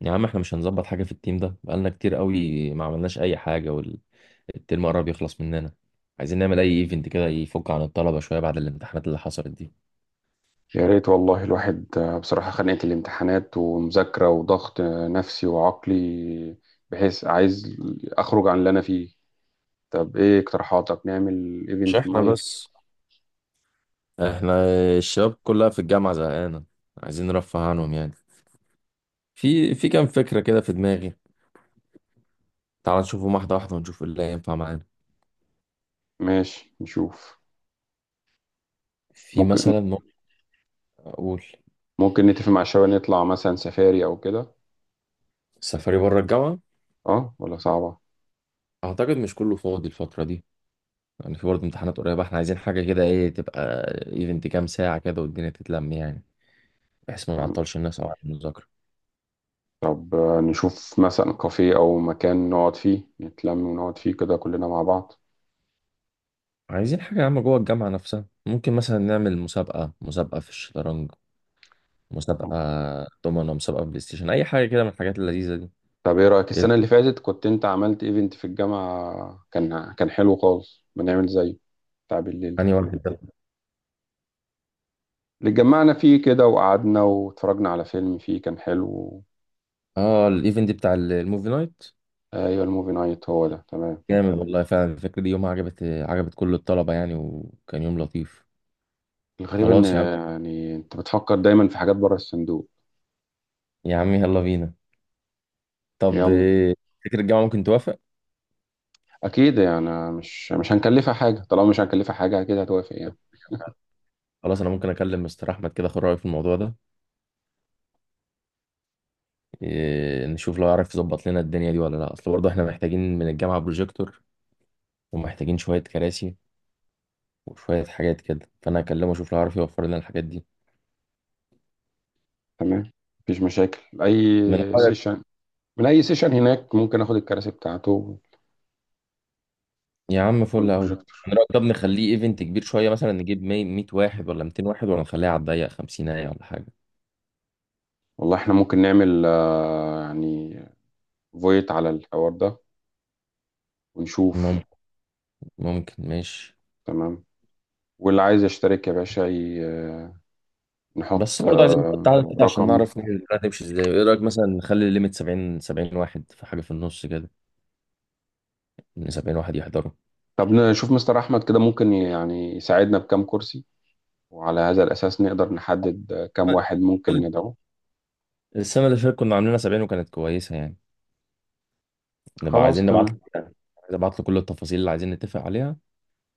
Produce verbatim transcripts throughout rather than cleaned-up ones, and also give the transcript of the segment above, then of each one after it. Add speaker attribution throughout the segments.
Speaker 1: يا عم، احنا مش هنظبط حاجة في التيم ده. بقالنا كتير قوي ما عملناش أي حاجة والترم قرب يخلص مننا. عايزين نعمل أي ايفنت كده يفك عن الطلبة شوية بعد الامتحانات اللي حصلت دي.
Speaker 2: يا ريت والله الواحد، آه، بصراحة خنقة الامتحانات ومذاكرة وضغط، آه، نفسي وعقلي بحيث عايز أخرج عن اللي أنا فيه. طب إيه اقتراحاتك؟ نعمل
Speaker 1: مش
Speaker 2: إيفنت
Speaker 1: احنا
Speaker 2: نايت.
Speaker 1: بس، احنا الشباب كلها في الجامعة زهقانة، عايزين نرفه عنهم يعني. في في كام فكرة كده في دماغي. تعال نشوفهم واحدة واحدة ونشوف ايه اللي هينفع معانا.
Speaker 2: ماشي، نشوف.
Speaker 1: في
Speaker 2: ممكن
Speaker 1: مثلا ممكن أقول.
Speaker 2: ممكن نتفق مع الشباب نطلع مثلا سفاري أو كده.
Speaker 1: سفري بره الجامعة.
Speaker 2: أه، ولا صعبة.
Speaker 1: أعتقد مش كله فاضي الفترة دي، يعني في برضه امتحانات قريبة، احنا عايزين حاجة كده. ايه تبقى ايفنت كام ساعة كده والدنيا تتلم يعني، بحيث ما
Speaker 2: مم.
Speaker 1: نعطلش الناس أو عن المذاكرة.
Speaker 2: طب، آه، نشوف مثلا كافيه أو مكان نقعد فيه نتلم ونقعد فيه كده كلنا مع بعض.
Speaker 1: عايزين حاجة يا عم جوه الجامعة نفسها. ممكن مثلا نعمل مسابقة، مسابقة في الشطرنج،
Speaker 2: مم.
Speaker 1: مسابقة دومنة، مسابقة بلاي ستيشن، أي حاجة كده من الحاجات اللذيذة دي.
Speaker 2: طب ايه رأيك؟ السنة اللي فاتت كنت انت عملت ايفنت في الجامعة كان كان حلو خالص، ما نعمل زيه، بتاع بالليل ده،
Speaker 1: يعني واحد ده.
Speaker 2: اللي اتجمعنا فيه كده وقعدنا واتفرجنا على فيلم فيه، كان حلو.
Speaker 1: اه، الايفنت بتاع ال- الموفي نايت،
Speaker 2: ايوه، الموفي نايت هو ده، تمام.
Speaker 1: جامد والله فعلا. الفكرة دي يومها عجبت عجبت كل الطلبة يعني، وكان يوم لطيف.
Speaker 2: الغريب ان
Speaker 1: خلاص يا عم،
Speaker 2: يعني انت بتفكر دايما في حاجات بره الصندوق.
Speaker 1: يا عم يلا بينا. طب
Speaker 2: يلا.
Speaker 1: إيه، فكرة الجامعة ممكن توافق.
Speaker 2: اكيد يعني مش مش هنكلفها حاجه، طالما مش هنكلفها حاجه اكيد هتوافق يعني.
Speaker 1: خلاص، انا ممكن اكلم مستر احمد كده، اخد رايه في الموضوع ده. إيه، نشوف لو يعرف يظبط لنا الدنيا دي ولا لا، اصل برضه احنا محتاجين من الجامعه بروجيكتور، ومحتاجين شوية كراسي وشوية حاجات كده. فأنا هكلمه أشوف لو عارف يوفر لنا الحاجات دي.
Speaker 2: تمام، مفيش مشاكل.
Speaker 1: من
Speaker 2: اي
Speaker 1: رأيك.
Speaker 2: سيشن، من اي سيشن هناك ممكن اخد الكراسي بتاعته
Speaker 1: يا عم فل أوي.
Speaker 2: والبروجيكتور.
Speaker 1: من رأيك طب نخليه إيفنت كبير شوية، مثلا نجيب مية واحد ولا ميتين واحد، ولا نخليها على الضيق خمسين ولا حاجة.
Speaker 2: والله احنا ممكن نعمل، آه، يعني، فويت على الحوار ده ونشوف.
Speaker 1: ممكن، ممكن ماشي.
Speaker 2: تمام. واللي عايز يشترك يا باشا ي-
Speaker 1: بس
Speaker 2: نحط
Speaker 1: برضه عايزين نحط
Speaker 2: آه،
Speaker 1: عدد كده عشان
Speaker 2: رقم.
Speaker 1: نعرف ن- نمشي ازاي. ايه رأيك مثلا نخلي الليميت سبعين، سبعين واحد في حاجة في النص كده، ان سبعين واحد يحضروا.
Speaker 2: طب نشوف مستر أحمد كده ممكن يعني يساعدنا بكام كرسي، وعلى هذا الأساس نقدر نحدد، آه، كام واحد ممكن ندعوه.
Speaker 1: السنة اللي فاتت كنا عاملينها سبعين وكانت كويسة يعني. نبقى
Speaker 2: خلاص،
Speaker 1: عايزين نبعت له.
Speaker 2: تمام.
Speaker 1: عايز ابعت له كل التفاصيل اللي عايزين نتفق عليها.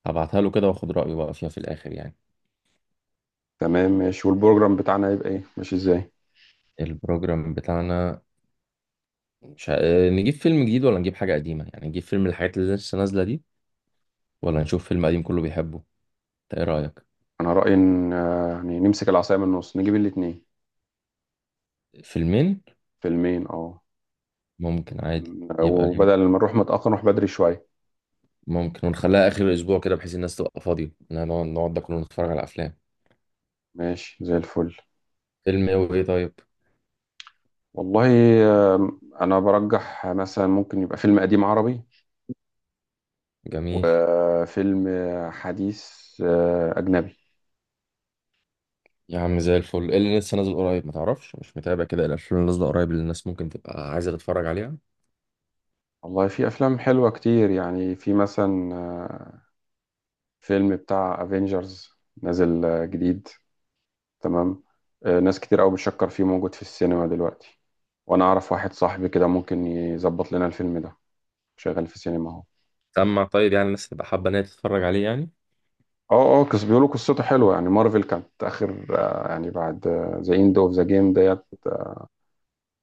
Speaker 1: هبعتها له كده واخد رأيه بقى فيها في الآخر يعني.
Speaker 2: تمام ماشي. والبروجرام بتاعنا يبقى إيه؟ ماشي إزاي؟
Speaker 1: البروجرام بتاعنا. مش ه... آه، نجيب فيلم جديد ولا نجيب حاجة قديمة يعني. نجيب فيلم من الحاجات اللي لسه نازلة دي، ولا نشوف فيلم قديم كله بيحبه. انت ايه رأيك.
Speaker 2: أنا رأيي إن، آه، يعني، نمسك العصاية من النص، نجيب الاتنين.
Speaker 1: فيلمين،
Speaker 2: فيلمين، أه.
Speaker 1: ممكن عادي. يبقى اليوم
Speaker 2: وبدل ما نروح متأخر نروح بدري شوية.
Speaker 1: ممكن، ونخليها آخر الأسبوع كده بحيث الناس تبقى فاضية، إنها نقعد نقعد ده كله نتفرج على أفلام.
Speaker 2: ماشي زي الفل.
Speaker 1: فيلم ايه وايه طيب.
Speaker 2: والله، آه، أنا برجح مثلا ممكن يبقى فيلم قديم عربي،
Speaker 1: جميل.
Speaker 2: وفيلم حديث، آه، أجنبي.
Speaker 1: يا عم زي الفل. ايه اللي لسه نازل قريب، ما تعرفش؟ مش متابع كده الأفلام اللي نازلة قريب اللي الناس ممكن تبقى عايزة تتفرج عليها.
Speaker 2: والله في افلام حلوه كتير يعني، في مثلا، آه، فيلم بتاع افنجرز نازل، آه، جديد. تمام. آه، ناس كتير قوي بتشكر فيه، موجود في السينما دلوقتي. وانا اعرف واحد صاحبي كده ممكن يظبط لنا الفيلم ده، شغال في السينما اهو.
Speaker 1: سمع طيب، يعني الناس تبقى حابة إن هي تتفرج عليه يعني.
Speaker 2: اه اه، قص بيقولوا قصته حلوه يعني. مارفل كانت اخر، آه، يعني، بعد ذا اند اوف ذا جيم ديت، آه،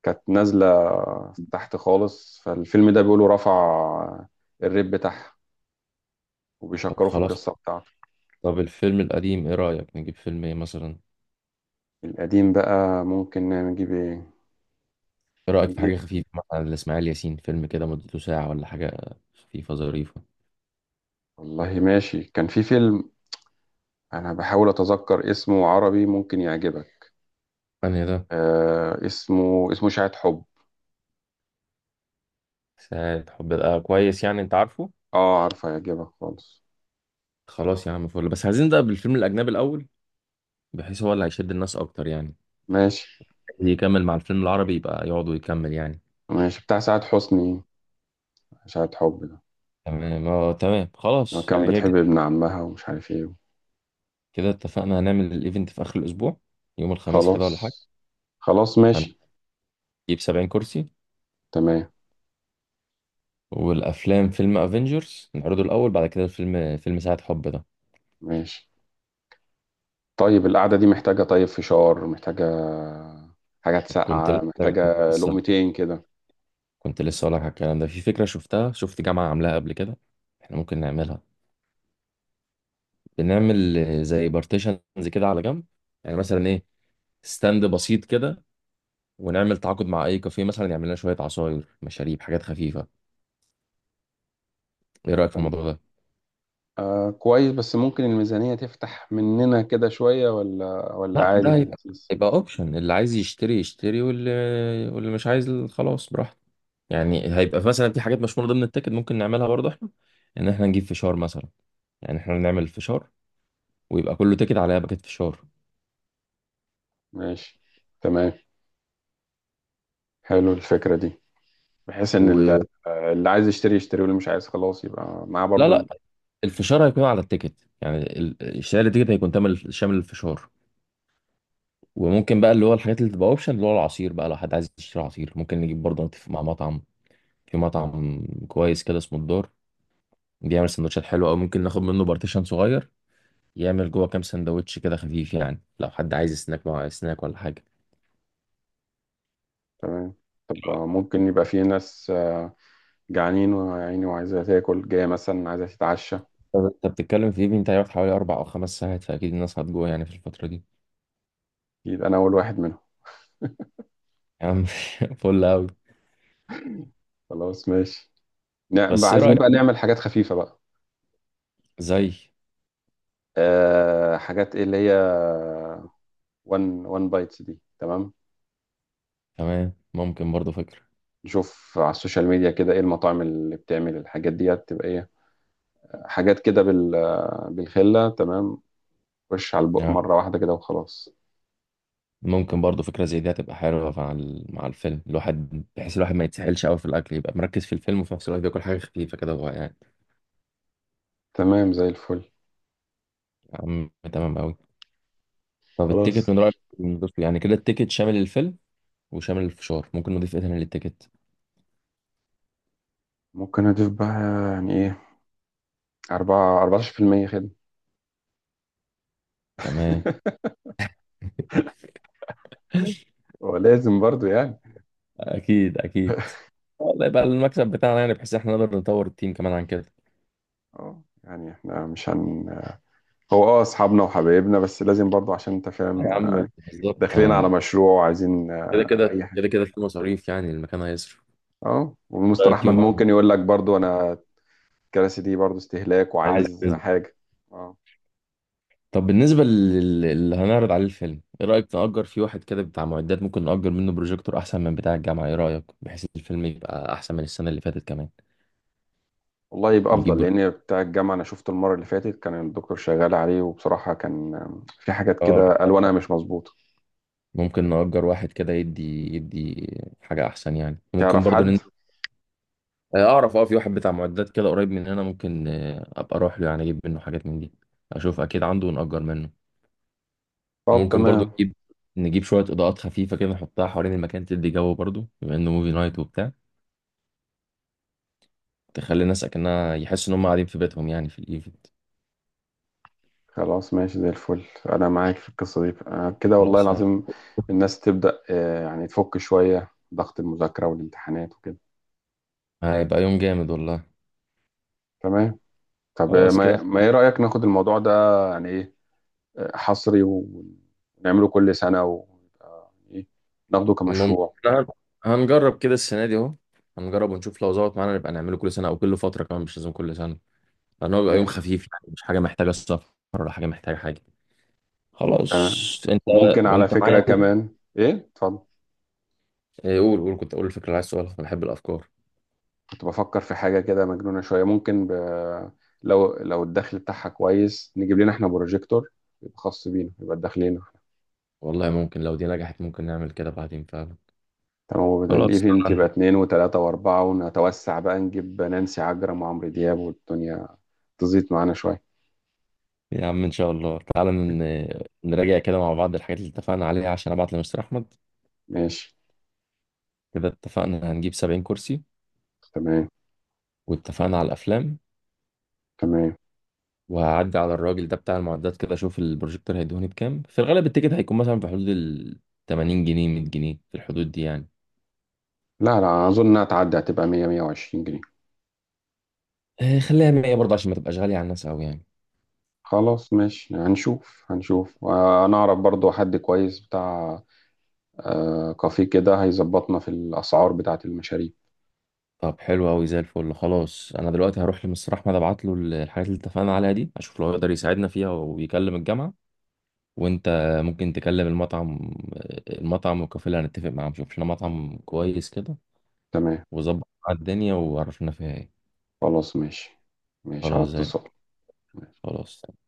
Speaker 2: كانت نازله تحت خالص، فالفيلم ده بيقولوا رفع الريت بتاعها،
Speaker 1: طب
Speaker 2: وبيشكروا في
Speaker 1: خلاص.
Speaker 2: القصه بتاعته.
Speaker 1: طب الفيلم القديم ايه رأيك نجيب فيلم ايه مثلا.
Speaker 2: القديم بقى ممكن نجيب ايه؟
Speaker 1: ايه رأيك في
Speaker 2: نجيب،
Speaker 1: حاجة خفيفة، مثلا لإسماعيل ياسين فيلم كده مدته ساعة ولا حاجة، خفيفة ظريفة.
Speaker 2: والله ماشي، كان في فيلم انا بحاول اتذكر اسمه، عربي، ممكن يعجبك.
Speaker 1: انا ده.
Speaker 2: آه اسمه اسمه شاهد حب.
Speaker 1: ساعة حب، آه كويس يعني. انت عارفه.
Speaker 2: اه، عارفه، يعجبك خالص.
Speaker 1: خلاص يا عم فل. بس عايزين نبدأ بالفيلم الأجنبي الأول، بحيث هو اللي هيشد الناس أكتر يعني.
Speaker 2: ماشي
Speaker 1: اللي يكمل مع الفيلم العربي يبقى يقعدوا يكمل يعني.
Speaker 2: ماشي بتاع سعاد حسني، شاهد حب ده،
Speaker 1: تمام، اه تمام،
Speaker 2: لما
Speaker 1: خلاص
Speaker 2: كان
Speaker 1: يعني كده
Speaker 2: بتحب
Speaker 1: كده.
Speaker 2: ابن عمها ومش عارف ايه.
Speaker 1: كده اتفقنا هنعمل الإيفنت في آخر الأسبوع، يوم الخميس كده
Speaker 2: خلاص.
Speaker 1: ولا حاجة.
Speaker 2: خلاص ماشي.
Speaker 1: هنجيب سبعين كرسي.
Speaker 2: تمام
Speaker 1: والأفلام: فيلم افنجرز نعرضه الأول، بعد كده الفيلم فيلم ساعة حب ده.
Speaker 2: ماشي. طيب القعدة دي محتاجة، طيب فشار، محتاجة حاجات
Speaker 1: كنت
Speaker 2: ساقعة،
Speaker 1: لسه،
Speaker 2: محتاجة
Speaker 1: لسه،
Speaker 2: لقمتين كده.
Speaker 1: كنت لسه اقول لك على الكلام ده. في فكره شفتها شفت جامعه عاملاها قبل كده، احنا ممكن نعملها. بنعمل آه، زي بارتيشنز كده على جنب، يعني مثلا ايه، ستاند بسيط كده، ونعمل تعاقد مع اي كافيه مثلا يعمل لنا شويه عصاير، مشاريب، حاجات خفيفه. ايه رايك في الموضوع ده.
Speaker 2: آه، كويس. بس ممكن الميزانية تفتح مننا كده شوية، ولا ولا
Speaker 1: لا
Speaker 2: عادي
Speaker 1: ده
Speaker 2: في
Speaker 1: هيبقى
Speaker 2: اللذيذ.
Speaker 1: هيبقى اوبشن. اللي عايز يشتري يشتري، واللي واللي مش عايز خلاص براحته. يعني هيبقى مثلا في حاجات مش من ضمن التيكت ممكن نعملها برضه احنا، ان احنا نجيب فشار مثلا. يعني احنا نعمل فشار ويبقى كله تيكت عليها باكت فشار.
Speaker 2: ماشي، تمام. حلو الفكرة دي، بحيث ان ال-
Speaker 1: و...
Speaker 2: آه، اللي عايز يشتري يشتري، واللي مش عايز خلاص يبقى معاه
Speaker 1: لا
Speaker 2: برضو اللي.
Speaker 1: لا، الفشار هيكون على التيكت. يعني ال- اشتراك التيكت هيكون تامل شامل الفشار. وممكن بقى اللي هو الحاجات اللي تبقى اوبشن اللي هو العصير بقى، لو حد عايز يشتري عصير ممكن نجيب برضه. نتفق مع مطعم، في مطعم كويس كده اسمه الدار، بيعمل سندوتشات حلوه. او ممكن ناخد منه بارتيشن صغير يعمل جوه كام سندوتش كده خفيف، يعني لو حد عايز سناك مع سناك ولا حاجه.
Speaker 2: تمام. طب، آه، ممكن يبقى في ناس، آه، جعانين وعيني وعايزة تاكل، جاية مثلا عايزة تتعشى.
Speaker 1: طب انت بتتكلم في ايفنت هيقعد حوالي اربع او خمس ساعات، فاكيد الناس هتجوع يعني في الفتره دي.
Speaker 2: يبقى انا اول واحد منهم.
Speaker 1: يا عم فل قوي.
Speaker 2: خلاص ماشي. نعم بقى،
Speaker 1: بس ايه
Speaker 2: عايزين
Speaker 1: رايك،
Speaker 2: بقى نعمل حاجات خفيفة بقى.
Speaker 1: زي.
Speaker 2: أه، حاجات ايه اللي هي؟ وان وان بايتس دي تمام.
Speaker 1: تمام، ممكن برضه فكره.
Speaker 2: نشوف على السوشيال ميديا كده ايه المطاعم اللي بتعمل الحاجات ديت، تبقى ايه، حاجات كده، بال بالخلة. تمام، وش على البق
Speaker 1: يعني
Speaker 2: مرة واحدة كده وخلاص.
Speaker 1: ممكن برضو فكرة زي دي هتبقى حلوة مع ال- مع الفيلم الواحد، بحيث الواحد ما يتسحلش قوي في الأكل، يبقى مركز في الفيلم وفي نفس الوقت بياكل حاجة خفيفة كده وهو قاعد.
Speaker 2: تمام زي الفل.
Speaker 1: يا عم تمام قوي. طب التيكت
Speaker 2: خلاص.
Speaker 1: من رأيك ندوس فيه؟ يعني كده التيكت شامل الفيلم وشامل الفشار. ممكن نضيف ايه تاني للتيكت؟
Speaker 2: ممكن اضيف بقى، يعني ايه، أربعة 14% خدمة.
Speaker 1: تمام.
Speaker 2: ولازم برضو يعني.
Speaker 1: أكيد أكيد. آه، ده يبقى المكسب بتاعنا يعني، بحيث احنا نقدر نطور التيم كمان عن كده.
Speaker 2: اه، يعني احنا مش هن هو اه، اصحابنا وحبايبنا، بس لازم برضو عشان انت
Speaker 1: يا
Speaker 2: فاهم
Speaker 1: عم
Speaker 2: يعني،
Speaker 1: بالظبط
Speaker 2: داخلين على
Speaker 1: يعني.
Speaker 2: مشروع وعايزين،
Speaker 1: كده
Speaker 2: آه، اي
Speaker 1: كده
Speaker 2: حاجه.
Speaker 1: كده كده في مصاريف يعني، المكان هيصرف.
Speaker 2: اه، والمستر
Speaker 1: رأيك
Speaker 2: احمد
Speaker 1: يوم.
Speaker 2: ممكن يقول لك برضو انا الكراسي دي برضو استهلاك
Speaker 1: عايز.
Speaker 2: وعايز حاجة. اه.
Speaker 1: طب بالنسبة لل- اللي هنعرض عليه الفيلم، ايه رأيك نأجر فيه واحد كده بتاع معدات؟ ممكن نأجر منه بروجيكتور احسن من بتاع الجامعة. ايه رأيك بحيث الفيلم يبقى احسن من السنة اللي فاتت كمان.
Speaker 2: والله يبقى
Speaker 1: نجيب
Speaker 2: أفضل،
Speaker 1: برو-
Speaker 2: لأن بتاع الجامعة أنا شفته المرة اللي فاتت كان الدكتور شغال عليه، وبصراحة كان، آم، في حاجات
Speaker 1: اه
Speaker 2: كده ألوانها مش مظبوطة.
Speaker 1: ممكن نأجر واحد كده يدي يدي حاجة احسن يعني. ممكن
Speaker 2: تعرف
Speaker 1: برضو
Speaker 2: حد؟
Speaker 1: نن... آه، اعرف. اه في واحد بتاع معدات كده قريب مننا. ممكن آه، ابقى اروح له، يعني اجيب منه حاجات من دي. اشوف اكيد عنده ونأجر منه.
Speaker 2: طب
Speaker 1: ممكن برضو
Speaker 2: تمام.
Speaker 1: نجيب نجيب شوية اضاءات خفيفة كده نحطها حوالين المكان تدي جو برضو، بما انه موفي نايت وبتاع. تخلي الناس اكنها يحسوا ان هم قاعدين في بيتهم يعني في الايفنت.
Speaker 2: خلاص ماشي زي الفل. أنا معاك في القصة دي، آه، كده والله
Speaker 1: خلاص يعني.
Speaker 2: العظيم. الناس تبدأ، آه، يعني، تفك شوية ضغط المذاكرة والامتحانات وكده.
Speaker 1: هيبقى يوم جامد والله.
Speaker 2: تمام. طب، آه،
Speaker 1: خلاص كده.
Speaker 2: ما ما إيه رأيك ناخد الموضوع ده، يعني إيه، آه، حصري، ونعمله كل سنة، ويبقى إيه، ناخده
Speaker 1: ممكن
Speaker 2: كمشروع.
Speaker 1: إحنا هنجرب كده السنه دي اهو. هنجرب ونشوف لو ظبط معانا نبقى نعمله كل سنه او كل فتره، كمان مش لازم كل سنه لان هو بيبقى يوم
Speaker 2: ماشي،
Speaker 1: خفيف يعني، مش حاجه محتاجه سفر ولا حاجه محتاجه حاجه.
Speaker 2: تمام.
Speaker 1: خلاص انت.
Speaker 2: وممكن على
Speaker 1: وانت معايا
Speaker 2: فكرة
Speaker 1: كده.
Speaker 2: كمان. ايه، اتفضل.
Speaker 1: إيه، قول قول، كنت اقول الفكره اللي عايز تقولها. انا بحب الافكار.
Speaker 2: كنت بفكر في حاجة كده مجنونة شوية، ممكن ب... لو لو الدخل بتاعها كويس نجيب لنا احنا بروجيكتور، يبقى خاص بينا، يبقى داخلين.
Speaker 1: والله ممكن لو دي نجحت ممكن نعمل كده بعدين فعلا.
Speaker 2: تمام. وبدل
Speaker 1: خلاص
Speaker 2: الايفنت يبقى اتنين وتلاتة واربعة، ونتوسع بقى، نجيب نانسي عجرم وعمرو دياب، والدنيا تزيد معانا شوية.
Speaker 1: يا عم، ان شاء الله تعالى ن- نراجع كده مع بعض الحاجات اللي اتفقنا عليها عشان ابعت لمستر احمد.
Speaker 2: ماشي.
Speaker 1: كده اتفقنا هنجيب سبعين كرسي،
Speaker 2: تمام
Speaker 1: واتفقنا على الافلام.
Speaker 2: تمام.
Speaker 1: وهعدي على الراجل ده بتاع المعدات كده اشوف البروجيكتور هيدوني بكام. في الغالب التيكت هيكون مثلا في حدود ال تمانين جنيه، مية جنيه في الحدود دي يعني.
Speaker 2: لا، لا أظن إنها تعدي، هتبقى مية، مية وعشرين جنيه.
Speaker 1: آه، خليها مية برضه عشان ما تبقاش غالية على الناس قوي يعني.
Speaker 2: خلاص ماشي. هنشوف هنشوف، آه، أنا أعرف برضو حد كويس بتاع، آه كافيه كده، هيظبطنا في الأسعار بتاعة المشاريب.
Speaker 1: طب حلو قوي زي الفل. خلاص انا دلوقتي هروح لمستر احمد، ابعت له الحاجات اللي اتفقنا عليها دي، اشوف لو يقدر يساعدنا فيها ويكلم الجامعة. وانت ممكن تكلم المطعم المطعم والكافيه اللي هنتفق معاهم. شوف لنا مطعم كويس كده
Speaker 2: تمام.
Speaker 1: وظبط مع الدنيا وعرفنا فيها ايه.
Speaker 2: خلاص ماشي. ماشي، على
Speaker 1: خلاص زي
Speaker 2: اتصال.
Speaker 1: الفل. خلاص